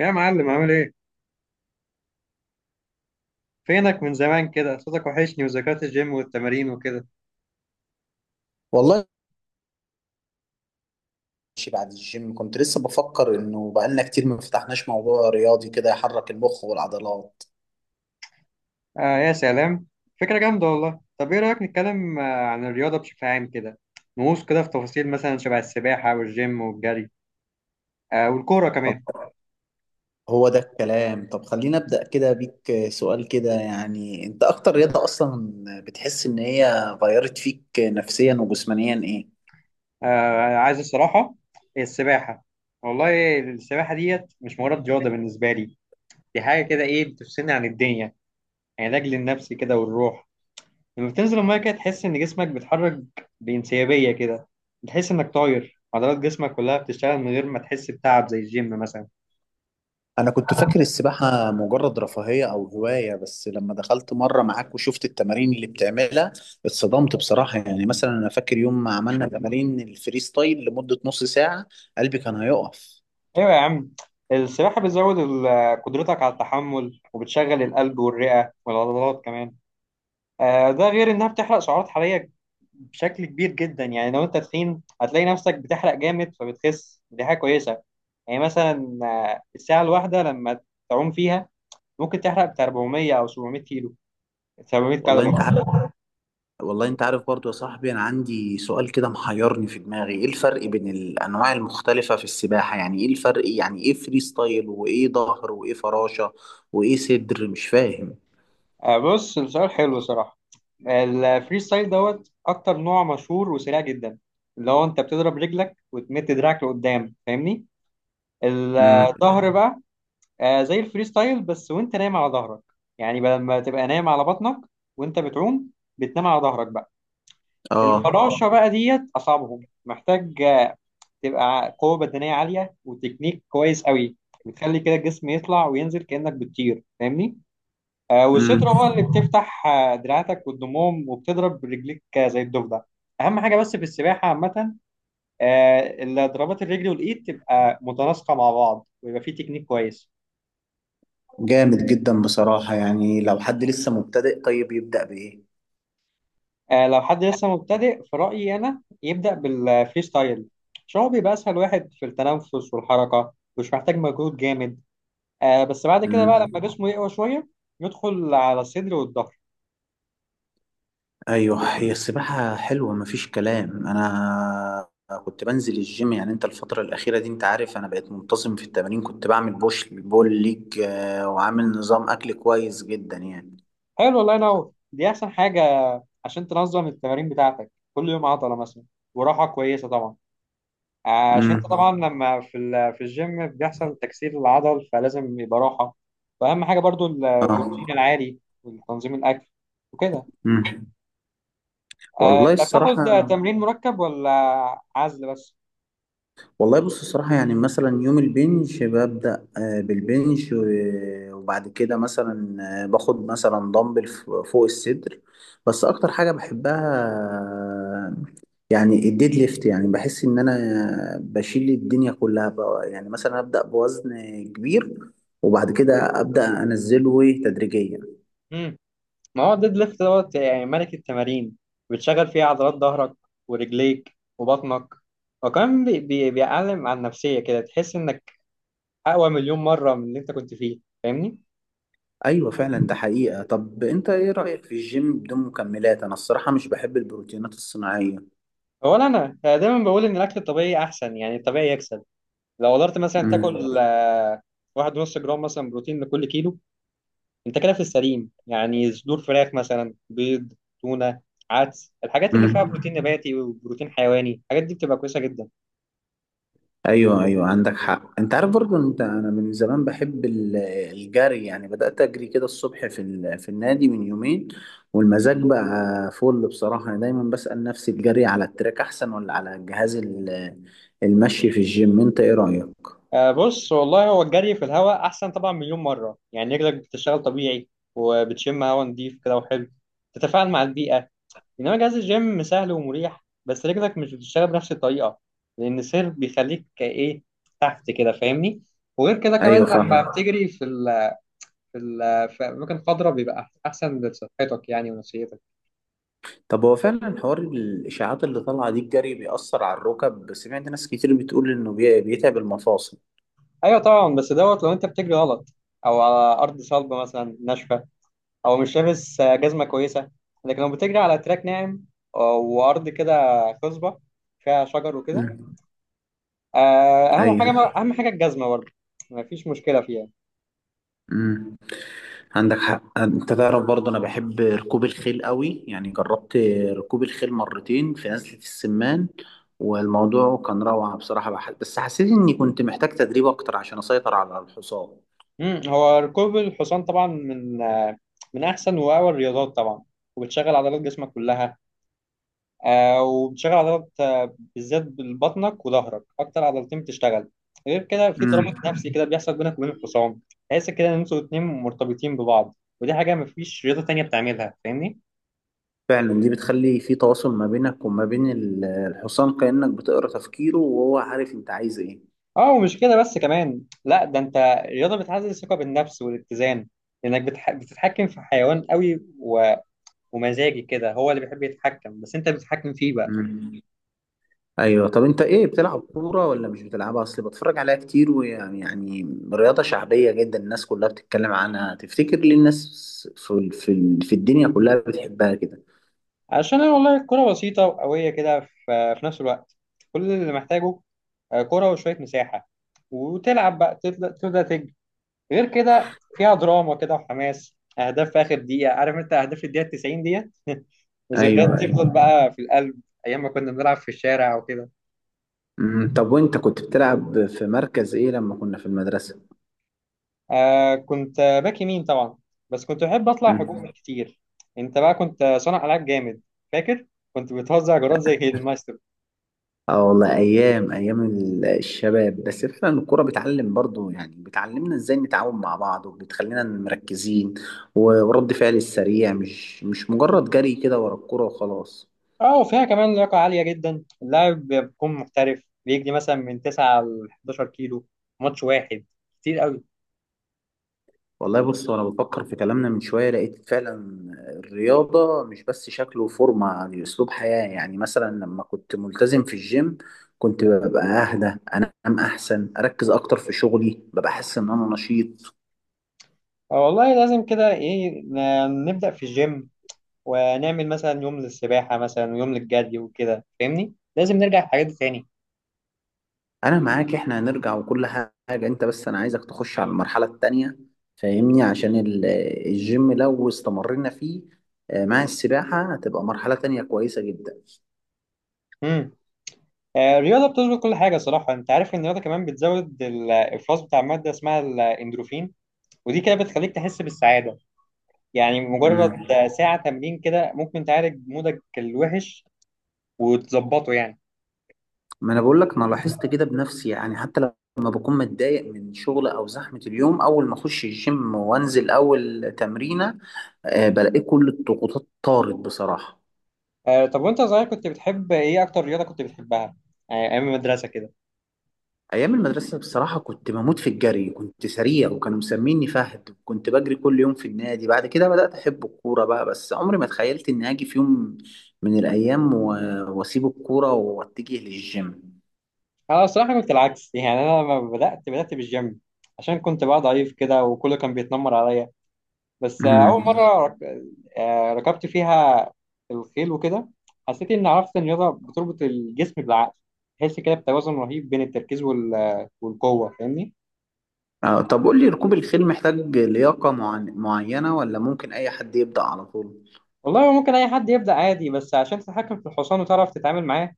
يا معلم عامل ايه؟ فينك من زمان كده؟ صوتك وحشني وذكريات الجيم والتمارين وكده. والله ماشي. بعد الجيم كنت لسه بفكر انه بقالنا كتير ما فتحناش موضوع رياضي كده يحرك المخ والعضلات. آه يا سلام، فكرة جامدة والله. طب ايه رأيك نتكلم عن الرياضة بشكل عام كده؟ نغوص كده في تفاصيل مثلا شبه السباحة والجيم والجري، آه، والكورة كمان. هو ده الكلام. طب خلينا ابدا كده بيك سؤال كده، يعني انت اكتر رياضة اصلا بتحس ان هي غيرت فيك نفسيا وجسمانيا ايه؟ آه عايز الصراحة السباحة. والله السباحة ديت مش مجرد رياضة بالنسبة لي، دي حاجة كده ايه بتفصلني عن الدنيا، علاج للنفس كده والروح. لما بتنزل الميه كده تحس ان جسمك بيتحرك بانسيابيه كده، بتحس انك طاير، عضلات جسمك كلها بتشتغل من غير ما تحس بتعب زي الجيم مثلا. انا كنت فاكر السباحة مجرد رفاهية او هواية، بس لما دخلت مرة معاك وشفت التمارين اللي بتعملها اتصدمت بصراحة. يعني مثلا انا فاكر يوم ما عملنا تمارين الفري ستايل لمدة نص ساعة قلبي كان هيقف. ايوه يا عم، السباحه بتزود قدرتك على التحمل وبتشغل القلب والرئه والعضلات كمان. ده غير انها بتحرق سعرات حراريه بشكل كبير جدا، يعني لو انت تخين هتلاقي نفسك بتحرق جامد فبتخس، دي حاجه كويسه. يعني مثلا الساعه الواحده لما تعوم فيها ممكن تحرق بتاع 400 او 700 كيلو، 700 والله كالوري. انت والله انت عارف برضو يا صاحبي، انا عندي سؤال كده محيرني في دماغي، ايه الفرق بين الانواع المختلفة في السباحة؟ يعني ايه الفرق إيه؟ يعني ايه فري ستايل وايه ظهر وايه فراشة وايه صدر؟ مش فاهم. بص السؤال حلو صراحة. الفري ستايل دوت أكتر نوع مشهور وسريع جدا، اللي هو أنت بتضرب رجلك وتمد دراعك لقدام فاهمني. امم. الظهر بقى، زي الفري ستايل بس وأنت نايم على ظهرك، يعني بدل ما تبقى نايم على بطنك وأنت بتعوم، بتنام على ظهرك بقى. اه. الفراشة بقى ديت أصعبهم، محتاج تبقى قوة بدنية عالية وتكنيك كويس قوي، بتخلي كده الجسم يطلع وينزل كأنك بتطير فاهمني. او الشترة بقى امم. اللي بتفتح دراعاتك والضموم وبتضرب رجليك زي الضفدع. اهم حاجه بس في السباحه عامه، اللي ضربات الرجل والايد تبقى متناسقه مع بعض ويبقى في تكنيك كويس. جامد جدا بصراحة. يعني لو حد لسه مبتدئ طيب يبدأ لو حد لسه مبتدئ في رايي انا يبدا بالفري ستايل، عشان هو بيبقى اسهل واحد في التنفس والحركه، مش محتاج مجهود جامد. بس بعد كده بقى بايه؟ لما جسمه يقوى شويه يدخل على الصدر والظهر. ايوه هي السباحه حلوه مفيش كلام. انا كنت بنزل الجيم، يعني انت الفتره الاخيره دي انت عارف انا بقيت منتظم في التمارين، كنت بعمل بوش بول ليج، وعامل نظام اكل كويس جدا يعني. حلو، الله ينور، دي احسن حاجه، عشان تنظم التمارين بتاعتك كل يوم عضله مثلا، وراحه كويسه طبعا، عشان انت امم. طبعا لما في في الجيم بيحصل تكسير العضل فلازم يبقى راحه. واهم حاجه برضو اه. البروتين العالي وتنظيم الاكل وكده. امم. والله انت بتاخد الصراحه. تمرين مركب ولا عزل بس؟ والله بص الصراحة، يعني مثلا يوم البنش ببدأ بالبنش، وبعد كده مثلا باخد مثلا دمبل فوق الصدر. بس أكتر حاجة بحبها، آه، يعني الديد ليفت. يعني بحس إن أنا بشيل الدنيا كلها بقى. يعني مثلا أبدأ بوزن كبير وبعد كده أبدأ أنزله إيه تدريجيا. امم، ما هو الديد ليفت دوت يعني ملك التمارين، بتشغل فيها عضلات ظهرك ورجليك وبطنك، وكمان بيعلم على النفسيه كده، تحس انك اقوى مليون مره من اللي انت كنت فيه فاهمني. أيوة فعلا ده حقيقة. طب أنت إيه رأيك في الجيم بدون مكملات؟ أنا الصراحة مش بحب البروتينات الصناعية. اولا انا دايما بقول ان الاكل الطبيعي احسن، يعني الطبيعي يكسب. لو قدرت مثلا مم. تاكل واحد ونص جرام مثلا بروتين لكل كيلو، انت كده في السليم. يعني صدور فراخ مثلا، بيض، تونه، عدس، الحاجات اللي فيها مم. بروتين نباتي وبروتين حيواني، الحاجات دي بتبقى كويسه جدا. ايوه ايوه عندك حق. انت عارف برضو انت، انا من زمان بحب الجري، يعني بدأت اجري كده الصبح في في النادي من يومين، والمزاج بقى فل بصراحة. انا دايما بسأل نفسي الجري على التراك احسن ولا على جهاز المشي في الجيم؟ انت ايه رأيك؟ بص والله، هو الجري في الهواء احسن طبعا مليون مره، يعني رجلك بتشتغل طبيعي وبتشم هواء نضيف كده وحلو، تتفاعل مع البيئه. انما جهاز الجيم سهل ومريح بس رجلك مش بتشتغل بنفس الطريقه، لان السير بيخليك ايه تحت كده فاهمني. وغير كده كمان ايوه لما فاهم. بتجري في ال في ال في اماكن خضراء بيبقى احسن لصحتك يعني ونفسيتك. طب هو فعلا حوار الاشاعات اللي طالعة دي، الجري بيأثر على الركب؟ سمعت ناس كتير بتقول انه بيتعب المفاصل. ايوه طبعا، بس دوت لو انت بتجري غلط، او على ارض صلبه مثلا ناشفه، او مش لابس جزمه كويسه. لكن لو بتجري على تراك ناعم وارض كده خصبه فيها شجر وكده، مم. اهم حاجه، ايوه. اهم حاجه الجزمه برضه، مفيش مشكله فيها. مم. عندك حق. انت تعرف برضه انا بحب ركوب الخيل قوي، يعني جربت ركوب الخيل مرتين في نزلة السمان، والموضوع كان روعة بصراحة. بس حسيت اني كنت محتاج تدريب اكتر عشان اسيطر على الحصان. امم، هو ركوب الحصان طبعا من من احسن واقوى الرياضات طبعا، وبتشغل عضلات جسمك كلها. وبتشغل عضلات بالذات بطنك وظهرك، اكتر عضلتين بتشتغل. غير كده في مم. ترابط نفسي كده بيحصل بينك وبين الحصان، تحس كده ان انتوا الاتنين مرتبطين ببعض، ودي حاجه مفيش رياضه تانية بتعملها فاهمني. فعلا دي بتخلي في تواصل ما بينك وما بين الحصان، كأنك بتقرأ تفكيره وهو عارف انت عايز ايه. اه، ومش كده بس، كمان لا ده انت الرياضه بتعزز الثقه بالنفس والاتزان، لانك بتتحكم في حيوان قوي ومزاجي كده، هو اللي بيحب يتحكم بس انت بتتحكم فيه بقى. مم. ايوه. طب انت ايه، بتلعب كوره ولا مش بتلعبها؟ اصل بتفرج عليها كتير، ويعني يعني رياضه شعبيه جدا، الناس كلها بتتكلم عنها. تفتكر ليه الناس في في الدنيا كلها بتحبها كده؟ عشان أنا والله الكرة بسيطة وقوية كده في نفس الوقت، كل اللي محتاجه كرة وشوية مساحة وتلعب بقى، تبدأ تجري. غير كده فيها دراما كده وحماس، أهداف في آخر دقيقة، عارف أنت أهداف في الدقيقة 90 ديت وذكريات ايوه ايوه. تفضل بقى في القلب، أيام ما كنا بنلعب في الشارع وكده. أمم، طب وانت كنت بتلعب في مركز ايه لما كنا في المدرسه؟ آه كنت باك يمين طبعا، بس كنت بحب أطلع أمم. هجوم كتير. أنت بقى كنت صانع ألعاب جامد، فاكر؟ كنت بتوزع جرات زي المايسترو. اه والله ايام، ايام الشباب. بس فعلا الكوره بتعلم برضو، يعني بتعلمنا ازاي نتعاون مع بعض وبتخلينا مركزين، ورد فعل السريع، مش مجرد جري كده ورا الكوره وخلاص. اه وفيها كمان لياقة عالية جدا، اللاعب بيكون محترف بيجري مثلا من 9 ل 11 كيلو ماتش واحد، كتير قوي. والله بص، وانا بفكر في كلامنا من شويه لقيت فعلا الرياضه مش بس شكل وفورمه، يعني اسلوب حياه. يعني مثلا لما كنت ملتزم في الجيم كنت ببقى اهدى، انام احسن، اركز اكتر في شغلي، ببقى احس ان انا نشيط. والله لازم كده ايه نبدأ في الجيم، ونعمل مثلا يوم للسباحة مثلا ويوم للجري وكده فاهمني، لازم نرجع الحاجات دي تاني. انا معاك، احنا هنرجع وكل حاجه. انت بس انا عايزك تخش على المرحله التانيه فاهمني، عشان الجيم لو استمرنا فيه مع السباحه هتبقى مرحله تانيه كويسه جدا. امم، الرياضة بتظبط كل حاجة صراحة. انت عارف ان الرياضة كمان بتزود الافراز بتاع مادة اسمها الاندروفين، ودي كده بتخليك تحس بالسعادة. يعني مجرد مم. ساعة تمرين كده ممكن تعالج مودك الوحش وتظبطه يعني. ما انا بقول لك انا لاحظت كده بنفسي. يعني حتى لما بكون متضايق من شغل او زحمه اليوم، اول ما اخش الجيم وانزل اول تمرينه بلاقي كل الضغوطات طارت بصراحه. آه، طب وانت صغير كنت بتحب ايه؟ اكتر رياضه كنت بتحبها، آه ايام المدرسه كده. ايام المدرسه بصراحه كنت بموت في الجري، كنت سريع وكانوا مسميني فهد، كنت بجري كل يوم في النادي. بعد كده بدات احب الكوره بقى، بس عمري ما تخيلت اني هاجي في يوم من الايام واسيب الكوره واتجه للجيم. انا الصراحه كنت العكس، يعني انا لما بدات بالجيم عشان كنت بقى ضعيف كده وكله كان بيتنمر عليا. بس آه اول مم. مره آه ركبت فيها الخيل وكده، حسيت ان، عرفت ان الرياضه بتربط الجسم بالعقل، تحس كده بتوازن رهيب بين التركيز والقوه فاهمني. طب قول لي، ركوب الخيل محتاج لياقة معينة ولا ممكن أي حد يبدأ على طول؟ والله ممكن اي حد يبدا عادي، بس عشان تتحكم في الحصان وتعرف تتعامل معاه،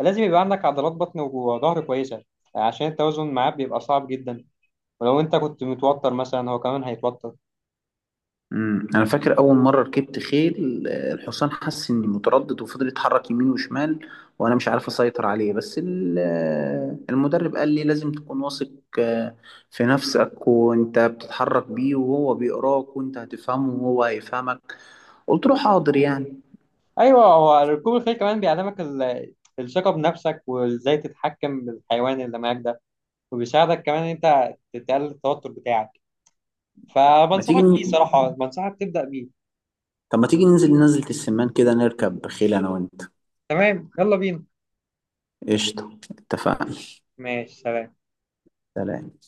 لازم يبقى عندك عضلات بطن وظهر كويسة، عشان التوازن معاه بيبقى صعب جدا، ولو انت كنت متوتر مثلا هو كمان هيتوتر. مم. أنا فاكر أول مرة ركبت خيل، الحصان حس إني متردد وفضل يتحرك يمين وشمال، وأنا مش عارف أسيطر عليه. بس المدرب قال لي لازم تكون واثق آه، في نفسك، وأنت بتتحرك بيه وهو بيقراك، وأنت هتفهمه وهو هيفهمك. قلت له حاضر يعني. ايوه، هو ركوب الخيل كمان بيعلمك الثقة بنفسك وازاي تتحكم بالحيوان اللي معاك ده، وبيساعدك كمان ان انت تقلل التوتر بتاعك، ما تيجي فبنصحك بيه ن- صراحة، بنصحك تبدأ بيه. طب ما تيجي ننزل نزلة السمان كده نركب خيل أنا وأنت؟ تمام يلا بينا. قشطة اتفقنا. ماشي سلام. سلام.